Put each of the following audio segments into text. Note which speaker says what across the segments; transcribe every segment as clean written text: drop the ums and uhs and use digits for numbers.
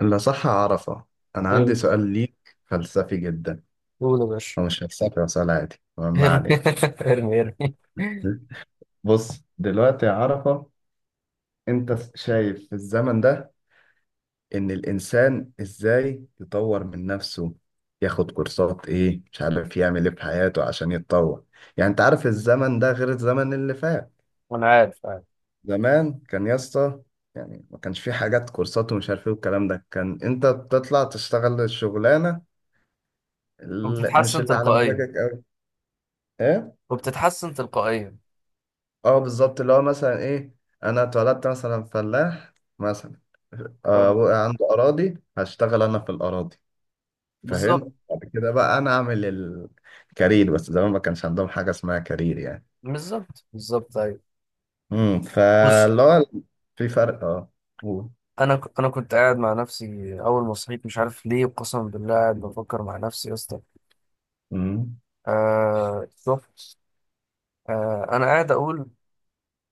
Speaker 1: لا، صح عرفة. أنا عندي
Speaker 2: ايه،
Speaker 1: سؤال ليك فلسفي جدا.
Speaker 2: قول يا باشا.
Speaker 1: هو مش فلسفي، هو سؤال عادي. ما
Speaker 2: ارمي
Speaker 1: علينا.
Speaker 2: ارمي، ارمي.
Speaker 1: بص دلوقتي يا عرفة، أنت شايف في الزمن ده إن الإنسان إزاي يطور من نفسه، ياخد كورسات إيه، مش عارف يعمل إيه في حياته عشان يتطور. يعني أنت عارف الزمن ده غير الزمن اللي فات.
Speaker 2: انا عارف، عارف.
Speaker 1: زمان كان يا اسطى، يعني ما كانش في حاجات كورسات ومش عارف ايه والكلام ده، كان انت بتطلع تشتغل الشغلانه اللي مش
Speaker 2: وبتتحسن
Speaker 1: اللي على
Speaker 2: تلقائيا.
Speaker 1: مزاجك قوي. ايه.
Speaker 2: وبتتحسن تلقائيا.
Speaker 1: اه بالظبط. اللي هو مثلا ايه، انا اتولدت مثلا فلاح مثلا. آه،
Speaker 2: اه،
Speaker 1: ابويا عنده اراضي، هشتغل انا في الاراضي.
Speaker 2: بالظبط،
Speaker 1: فاهم؟ بعد كده بقى انا اعمل الكارير، بس زمان ما كانش عندهم حاجه اسمها كارير يعني.
Speaker 2: بالظبط، بالظبط، ايوه. بص.
Speaker 1: فاللي هو في فرق. اه. قول.
Speaker 2: انا كنت قاعد مع نفسي اول ما صحيت، مش عارف ليه قسما بالله قاعد بفكر مع نفسي يا اسطى.
Speaker 1: امم.
Speaker 2: شوف. انا قاعد اقول،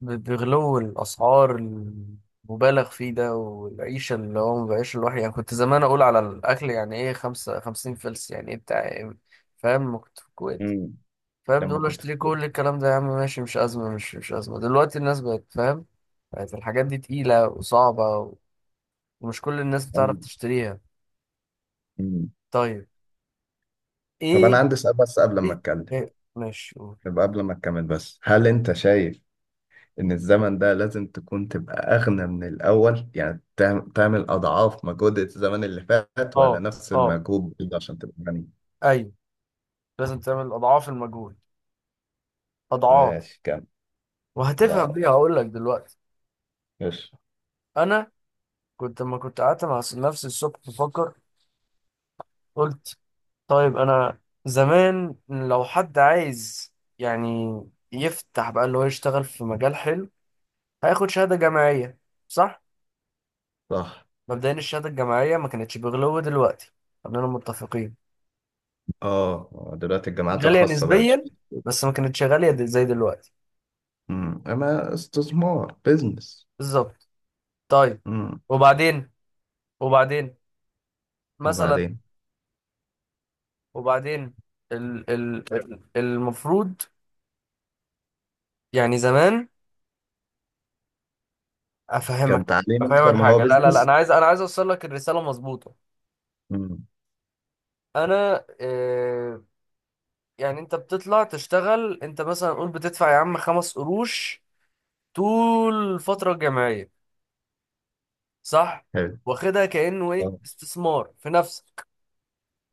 Speaker 2: بغلو الأسعار المبالغ فيه ده والعيشة اللي هو بيعيشها الواحد، يعني كنت زمان أقول على الأكل يعني إيه؟ خمسة خمسين فلس يعني إيه؟ بتاع إيه؟ فاهم؟ ما كنت في الكويت.
Speaker 1: امم.
Speaker 2: فاهم؟
Speaker 1: لما
Speaker 2: تقول له
Speaker 1: كنت
Speaker 2: أشتري
Speaker 1: في-
Speaker 2: كل الكلام ده يا عم، ماشي، مش أزمة، مش أزمة. دلوقتي الناس بقت فاهم، بقت الحاجات دي تقيلة وصعبة، ومش كل الناس بتعرف تشتريها.
Speaker 1: أمم.
Speaker 2: طيب.
Speaker 1: طب انا
Speaker 2: إيه؟
Speaker 1: عندي سؤال، بس قبل ما
Speaker 2: إيه؟
Speaker 1: اتكلم،
Speaker 2: إيه؟ ماشي، قول.
Speaker 1: يبقى قبل ما اكمل، بس هل انت شايف ان الزمن ده لازم تكون تبقى اغنى من الاول، يعني تعمل اضعاف مجهود الزمن اللي فات، ولا
Speaker 2: أه،
Speaker 1: نفس
Speaker 2: أه،
Speaker 1: المجهود برضه عشان تبقى غني؟
Speaker 2: أيوه. لازم تعمل أضعاف المجهود، أضعاف.
Speaker 1: ماشي. كام
Speaker 2: وهتفهم
Speaker 1: ضعف؟
Speaker 2: ليه، هقول لك دلوقتي.
Speaker 1: ماشي.
Speaker 2: انا، كنت لما كنت قعدت مع نفسي الصبح بفكر، قلت طيب، انا زمان لو حد عايز يعني يفتح بقى اللي هو يشتغل في مجال حلو، هياخد شهادة جامعية، صح؟
Speaker 1: صح.
Speaker 2: مبدئيا الشهادة الجامعية ما كانتش بغلو دلوقتي، خلينا متفقين.
Speaker 1: اه دلوقتي الجامعات
Speaker 2: غالية
Speaker 1: الخاصة بقت.
Speaker 2: نسبيا، بس ما كانتش غالية زي دلوقتي.
Speaker 1: امم. اما استثمار بيزنس.
Speaker 2: بالظبط. طيب.
Speaker 1: امم.
Speaker 2: وبعدين، وبعدين مثلا،
Speaker 1: وبعدين،
Speaker 2: وبعدين المفروض، يعني زمان. افهمك،
Speaker 1: كان تعليم
Speaker 2: افهمك
Speaker 1: اكتر ما هو
Speaker 2: حاجه، لا لا لا،
Speaker 1: بيزنس.
Speaker 2: انا عايز اوصل لك الرساله مظبوطه.
Speaker 1: امم.
Speaker 2: انا، يعني انت بتطلع تشتغل، انت مثلا قول بتدفع يا عم خمس قروش طول الفتره الجامعيه، صح؟
Speaker 1: حلو.
Speaker 2: واخدها كانه ايه،
Speaker 1: آه،
Speaker 2: استثمار في نفسك.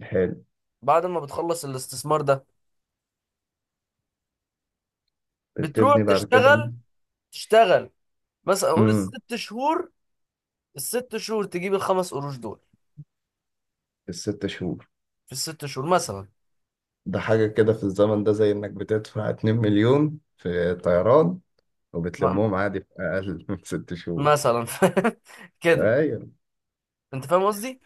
Speaker 1: حلو.
Speaker 2: بعد ما بتخلص الاستثمار ده، بتروح
Speaker 1: بتبني بعد كده.
Speaker 2: تشتغل، تشتغل مثلا قول
Speaker 1: امم.
Speaker 2: الست شهور، الست شهور تجيب الخمس قروش دول
Speaker 1: الست شهور.
Speaker 2: في الست شهور مثلا.
Speaker 1: ده حاجة كده في الزمن ده زي إنك بتدفع 2 مليون في طيران،
Speaker 2: م-
Speaker 1: وبتلمهم عادي في أقل من ست شهور.
Speaker 2: مثلا كده.
Speaker 1: أيوه.
Speaker 2: انت فاهم قصدي.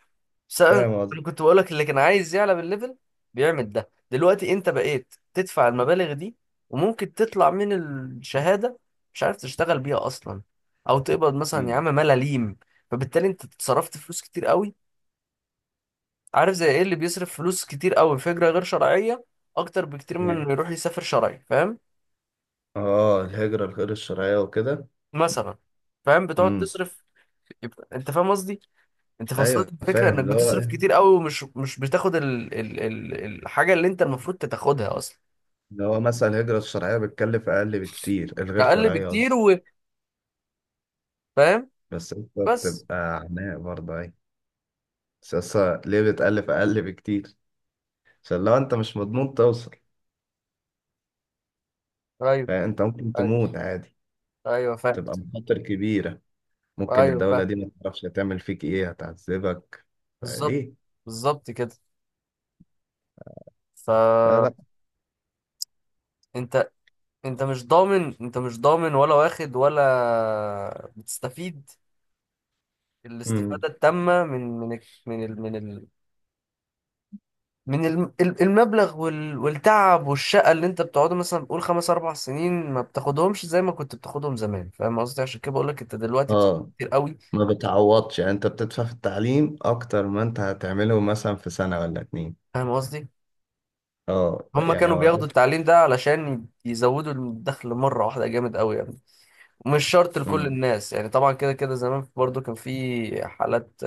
Speaker 2: بس انا
Speaker 1: فاهم قصدي.
Speaker 2: كنت بقول لك اللي كان عايز يعلى بالليفل بيعمل ده. دلوقتي انت بقيت تدفع المبالغ دي، وممكن تطلع من الشهادة مش عارف تشتغل بيها اصلا، او تقبض مثلا يا
Speaker 1: مم.
Speaker 2: عم ملاليم. فبالتالي انت اتصرفت فلوس كتير قوي. عارف زي ايه اللي بيصرف فلوس كتير قوي؟ في هجرة غير شرعية، اكتر بكتير من اللي يروح يسافر شرعي، فاهم؟
Speaker 1: اه الهجرة الغير الشرعية وكده.
Speaker 2: مثلا. فاهم؟ بتقعد
Speaker 1: امم.
Speaker 2: تصرف. يبقى انت فاهم قصدي، انت فصلت
Speaker 1: أيوه
Speaker 2: الفكرة
Speaker 1: فاهم.
Speaker 2: انك
Speaker 1: اللي هو
Speaker 2: بتصرف كتير
Speaker 1: إيه؟
Speaker 2: قوي، ومش مش بتاخد الحاجة اللي انت المفروض تاخدها اصلا.
Speaker 1: اللي هو مثلا الهجرة الشرعية بتكلف أقل بكتير، الغير
Speaker 2: اقل
Speaker 1: شرعية
Speaker 2: بكتير،
Speaker 1: قصدي.
Speaker 2: وفاهم.
Speaker 1: بس أنت
Speaker 2: بس،
Speaker 1: بتبقى عناء برضه. أيوه. بس أصلا ليه بتألف أقل بكتير؟ عشان لو أنت مش مضمون توصل،
Speaker 2: ايوه،
Speaker 1: فأنت ممكن
Speaker 2: ايوه،
Speaker 1: تموت عادي.
Speaker 2: ايوه، فاهم،
Speaker 1: تبقى مخاطر كبيرة. ممكن
Speaker 2: ايوه،
Speaker 1: الدولة
Speaker 2: فاهم.
Speaker 1: دي ما تعرفش هتعمل فيك إيه، هتعذبك،
Speaker 2: بالظبط،
Speaker 1: فليه؟
Speaker 2: بالظبط كده.
Speaker 1: لا،
Speaker 2: ف
Speaker 1: لا.
Speaker 2: انت انت مش ضامن، انت مش ضامن ولا واخد ولا بتستفيد
Speaker 1: امم.
Speaker 2: الاستفادة التامة من من ال- من ال من ال من الم- ال- المبلغ، والتعب والشقة اللي انت بتقعده، مثلا بقول خمس اربع سنين ما بتاخدهمش زي ما كنت بتاخدهم زمان. فاهم قصدي؟ عشان كده بقول لك انت دلوقتي بتاخد
Speaker 1: اه،
Speaker 2: كتير قوي.
Speaker 1: ما بتعوضش. يعني انت بتدفع في التعليم اكتر ما انت هتعمله مثلا في سنة ولا اتنين.
Speaker 2: فاهم قصدي؟
Speaker 1: اه
Speaker 2: هما
Speaker 1: يعني
Speaker 2: كانوا
Speaker 1: هو ده.
Speaker 2: بياخدوا التعليم ده علشان يزودوا الدخل مرة واحدة، جامد قوي يعني. ومش شرط لكل
Speaker 1: امم.
Speaker 2: الناس يعني، طبعا كده كده زمان برضو كان في حالات.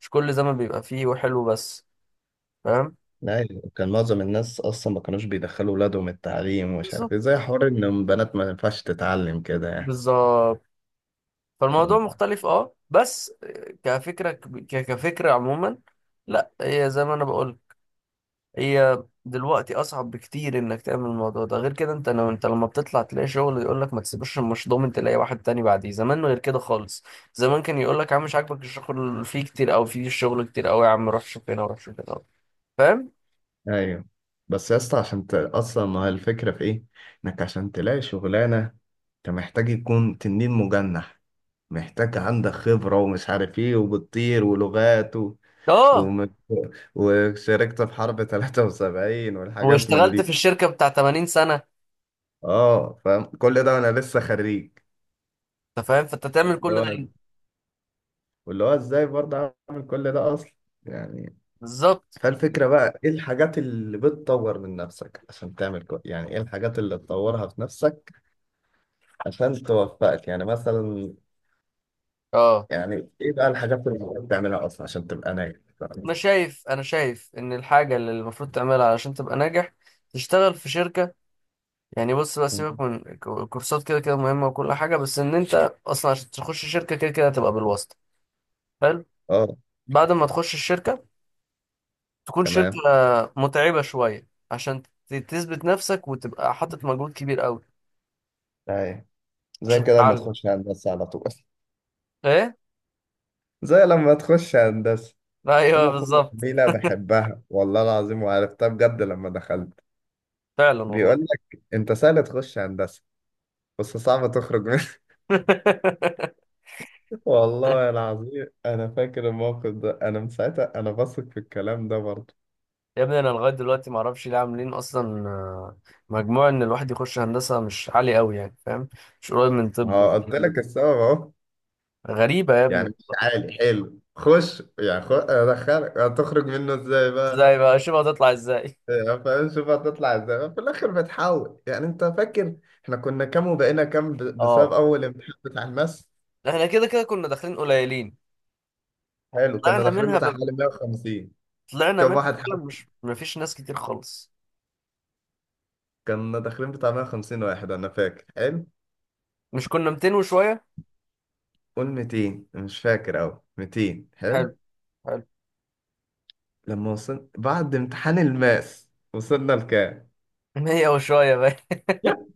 Speaker 2: مش كل زمان بيبقى فيه وحلو بس. فاهم؟
Speaker 1: لا، يعني كان معظم الناس اصلا ما كانوش بيدخلوا ولادهم التعليم، ومش عارف ايه،
Speaker 2: بالظبط،
Speaker 1: زي حوار ان بنات ما ينفعش تتعلم كده يعني.
Speaker 2: بالظبط. فالموضوع
Speaker 1: مم.
Speaker 2: مختلف اه، بس كفكرة، كفكرة عموما. لا، هي زي ما انا بقول، هي دلوقتي اصعب بكتير انك تعمل الموضوع ده. غير كده، انت لو انت لما بتطلع تلاقي شغل، يقول لك ما تسيبوش، مش ضامن تلاقي واحد تاني بعديه. زمان غير كده خالص. زمان كان يقول لك يا عم مش عاجبك الشغل، فيه كتير او فيه شغل كتير قوي يا عم، روح شوف هنا وروح شوف هنا، فاهم؟
Speaker 1: ايوه. بس يا اسطى عشان اصلا ما هي الفكرة في ايه؟ انك عشان تلاقي شغلانة، انت محتاج يكون تنين مجنح، محتاج عندك خبرة ومش عارف ايه وبتطير ولغات
Speaker 2: اه.
Speaker 1: ومت... وشاركت في حرب 73 والحاجات من
Speaker 2: واشتغلت في
Speaker 1: دي.
Speaker 2: الشركة بتاع 80 سنة.
Speaker 1: اه فاهم كل ده وانا لسه خريج.
Speaker 2: انت فاهم فانت تعمل كل
Speaker 1: اللي
Speaker 2: ده
Speaker 1: هو
Speaker 2: ليه؟
Speaker 1: واللي هو ازاي برضه اعمل كل ده اصلا يعني.
Speaker 2: بالظبط.
Speaker 1: فالفكرة بقى، ايه الحاجات اللي بتطور من نفسك عشان تعمل يعني ايه الحاجات اللي تطورها في نفسك عشان توفقك، يعني مثلا،
Speaker 2: اه،
Speaker 1: يعني ايه بقى الحاجات اللي بتعملها اصلا عشان تبقى ناجح؟
Speaker 2: انا شايف، انا شايف ان الحاجة اللي المفروض تعملها علشان تبقى ناجح، تشتغل في شركة. يعني بص بقى، سيبك من الكورسات كده كده مهمة وكل حاجة، بس إن أنت أصلا عشان تخش شركة كده كده هتبقى بالواسطة. حلو.
Speaker 1: اه.
Speaker 2: بعد ما تخش الشركة، تكون شركة
Speaker 1: تمام.
Speaker 2: متعبة شوية عشان تثبت نفسك وتبقى حاطط مجهود كبير قوي.
Speaker 1: ايوه. زي
Speaker 2: عشان
Speaker 1: كده لما
Speaker 2: تتعلم.
Speaker 1: تخش هندسة على طول.
Speaker 2: إيه؟
Speaker 1: زي لما تخش هندسة. في
Speaker 2: أيوه
Speaker 1: مقولة
Speaker 2: بالظبط.
Speaker 1: جميلة بحبها والله العظيم وعرفتها بجد لما دخلت.
Speaker 2: فعلا والله.
Speaker 1: بيقول لك: انت سهل تخش هندسة، بس صعب تخرج منها. والله العظيم انا فاكر الموقف ده، انا من ساعتها انا بثق في الكلام ده برضه.
Speaker 2: يا ابني، أنا لغاية دلوقتي معرفش ليه عاملين أصلا مجموع إن الواحد يخش هندسة مش عالي قوي يعني، فاهم؟ مش قريب من
Speaker 1: ما
Speaker 2: طب
Speaker 1: هو قلت
Speaker 2: والكلام ده.
Speaker 1: لك السبب اهو.
Speaker 2: غريبة يا
Speaker 1: يعني
Speaker 2: ابني.
Speaker 1: مش عالي، حلو، خش. يعني ادخلك هتخرج منه ازاي بقى؟
Speaker 2: إزاي بقى؟ شوف هتطلع إزاي.
Speaker 1: يعني فاهم. شوف هتطلع ازاي في الاخر بتحاول. يعني انت فاكر احنا كنا كام وبقينا كام ب- بسبب
Speaker 2: اه.
Speaker 1: اول امتحان بتاع الماس.
Speaker 2: احنا كده كده كنا داخلين قليلين.
Speaker 1: حلو. كنا
Speaker 2: طلعنا
Speaker 1: داخلين
Speaker 2: منها ب...
Speaker 1: بتاع حوالي 150.
Speaker 2: طلعنا
Speaker 1: كم
Speaker 2: منها
Speaker 1: واحد حاول؟
Speaker 2: فعلا، مش، مفيش ناس كتير خالص.
Speaker 1: كنا داخلين بتاع 150 واحد، انا فاكر حلو.
Speaker 2: مش كنا 200 وشوية؟
Speaker 1: قول 200، مش فاكر اوي. 200 حلو.
Speaker 2: حلو، حلو.
Speaker 1: لما وصلنا بعد امتحان الماس وصلنا لكام؟
Speaker 2: 100 وشوية بقى.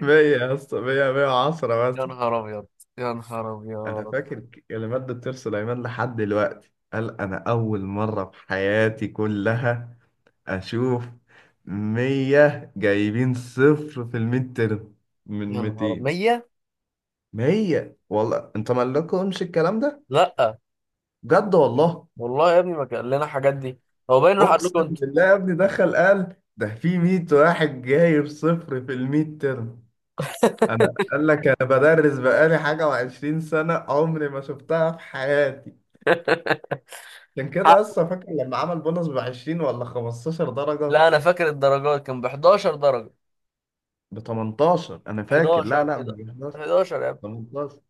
Speaker 1: 100 يا اسطى. 100، 110
Speaker 2: يا
Speaker 1: مثلا.
Speaker 2: نهار ابيض، يا نهار
Speaker 1: انا
Speaker 2: ابيض،
Speaker 1: فاكر كلمات دكتور سليمان لحد دلوقتي، قال: انا اول مره في حياتي كلها اشوف 100 جايبين صفر في الميد ترم من
Speaker 2: يا نهار أبيض.
Speaker 1: 200.
Speaker 2: 100.
Speaker 1: 100، والله انت مالكمش الكلام ده،
Speaker 2: لا
Speaker 1: بجد والله.
Speaker 2: والله يا ابني، ما كان لنا الحاجات دي. هو باين راح قال لكم
Speaker 1: اقسم
Speaker 2: انتوا.
Speaker 1: بالله يا ابني، دخل قال ده في 100 واحد جايب صفر في الميد ترم. انا قال لك، انا بدرس بقالي حاجه و20 سنه، عمري ما شفتها في حياتي. عشان كده
Speaker 2: حق.
Speaker 1: لسه فاكر لما عمل بونص ب 20 ولا 15 درجه.
Speaker 2: لا، انا فاكر الدرجات كان ب 11 درجة.
Speaker 1: ب 18 انا فاكر.
Speaker 2: 11،
Speaker 1: لا، لا،
Speaker 2: 11،
Speaker 1: مش 11،
Speaker 2: 11 يا ابني.
Speaker 1: 18.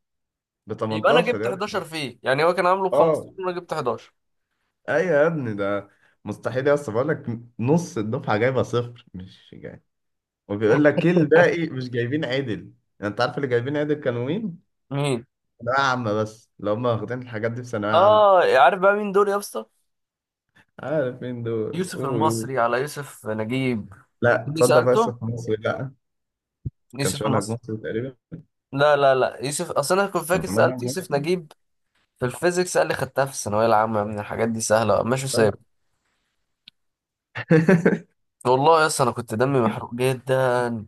Speaker 1: ب
Speaker 2: يبقى انا
Speaker 1: 18
Speaker 2: جبت
Speaker 1: يا ابني.
Speaker 2: 11 فيه يعني، هو كان عامله ب
Speaker 1: اه،
Speaker 2: 15 وانا جبت 11.
Speaker 1: ايوه يا ابني، ده مستحيل يا اسطى، بقول لك نص الدفعه جايبه صفر مش جاي. وبيقول لك إيه، الباقي مش جايبين عدل. يعني انت عارف اللي جايبين عدل كانوا مين؟
Speaker 2: مين؟
Speaker 1: ثانوية عامة. بس لو هم واخدين الحاجات دي في ثانوية عامة،
Speaker 2: اه. عارف بقى مين دول يا اسطى؟
Speaker 1: عارف مين دول؟
Speaker 2: يوسف
Speaker 1: قول، قول.
Speaker 2: المصري على يوسف نجيب.
Speaker 1: لا،
Speaker 2: اللي
Speaker 1: تصدق بس
Speaker 2: سألته
Speaker 1: في مصر، لا ما كانش
Speaker 2: يوسف
Speaker 1: منهج
Speaker 2: المصري.
Speaker 1: مصر تقريبا.
Speaker 2: لا لا لا، يوسف، اصل انا كنت
Speaker 1: كان
Speaker 2: فاكر سألت
Speaker 1: منهج
Speaker 2: يوسف
Speaker 1: مصر.
Speaker 2: نجيب. في الفيزيكس قال لي خدتها في الثانوية العامة، من الحاجات دي سهلة، ماشي سايب.
Speaker 1: طيب.
Speaker 2: والله يا اسطى انا كنت دمي محروق جدا.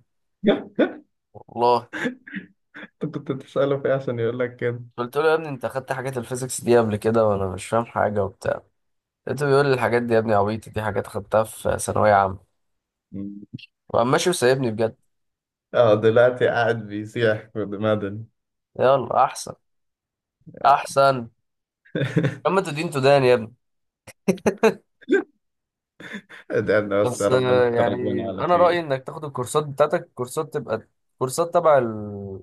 Speaker 2: والله
Speaker 1: انت كنت بتسأله في ايه عشان يقول لك كده؟
Speaker 2: قلت له يا ابني، انت خدت حاجات الفيزيكس دي قبل كده وانا مش فاهم حاجة وبتاع. لقيته بيقول لي الحاجات دي يا ابني عبيطة، دي حاجات خدتها في ثانوية عامة. وقام ماشي وسايبني بجد.
Speaker 1: اه دلوقتي قاعد بيسيح في مدني.
Speaker 2: يلا احسن، احسن. اما تدين تدان يا ابني.
Speaker 1: ادعنا بس يا
Speaker 2: بس
Speaker 1: ربنا
Speaker 2: يعني
Speaker 1: تخرجنا على
Speaker 2: انا رايي
Speaker 1: خير.
Speaker 2: انك تاخد الكورسات بتاعتك، كورسات تبقى كورسات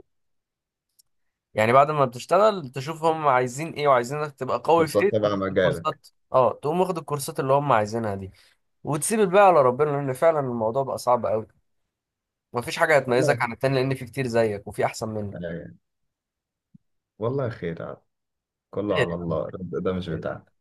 Speaker 2: يعني بعد ما بتشتغل تشوف هم عايزين ايه وعايزينك تبقى قوي في ايه،
Speaker 1: فرصات
Speaker 2: تقوم
Speaker 1: تبع
Speaker 2: واخد
Speaker 1: مجالك.
Speaker 2: الكورسات، اه، تقوم واخد الكورسات اللي هم عايزينها دي. وتسيب الباقي على ربنا، لان فعلا الموضوع بقى صعب قوي. مفيش حاجه هتميزك
Speaker 1: والله
Speaker 2: عن التاني، لان في كتير زيك وفي احسن منك
Speaker 1: يعني. والله خير عاد. كله
Speaker 2: كتير.
Speaker 1: على الله، الرزق ده مش
Speaker 2: يعني.
Speaker 1: بتاعنا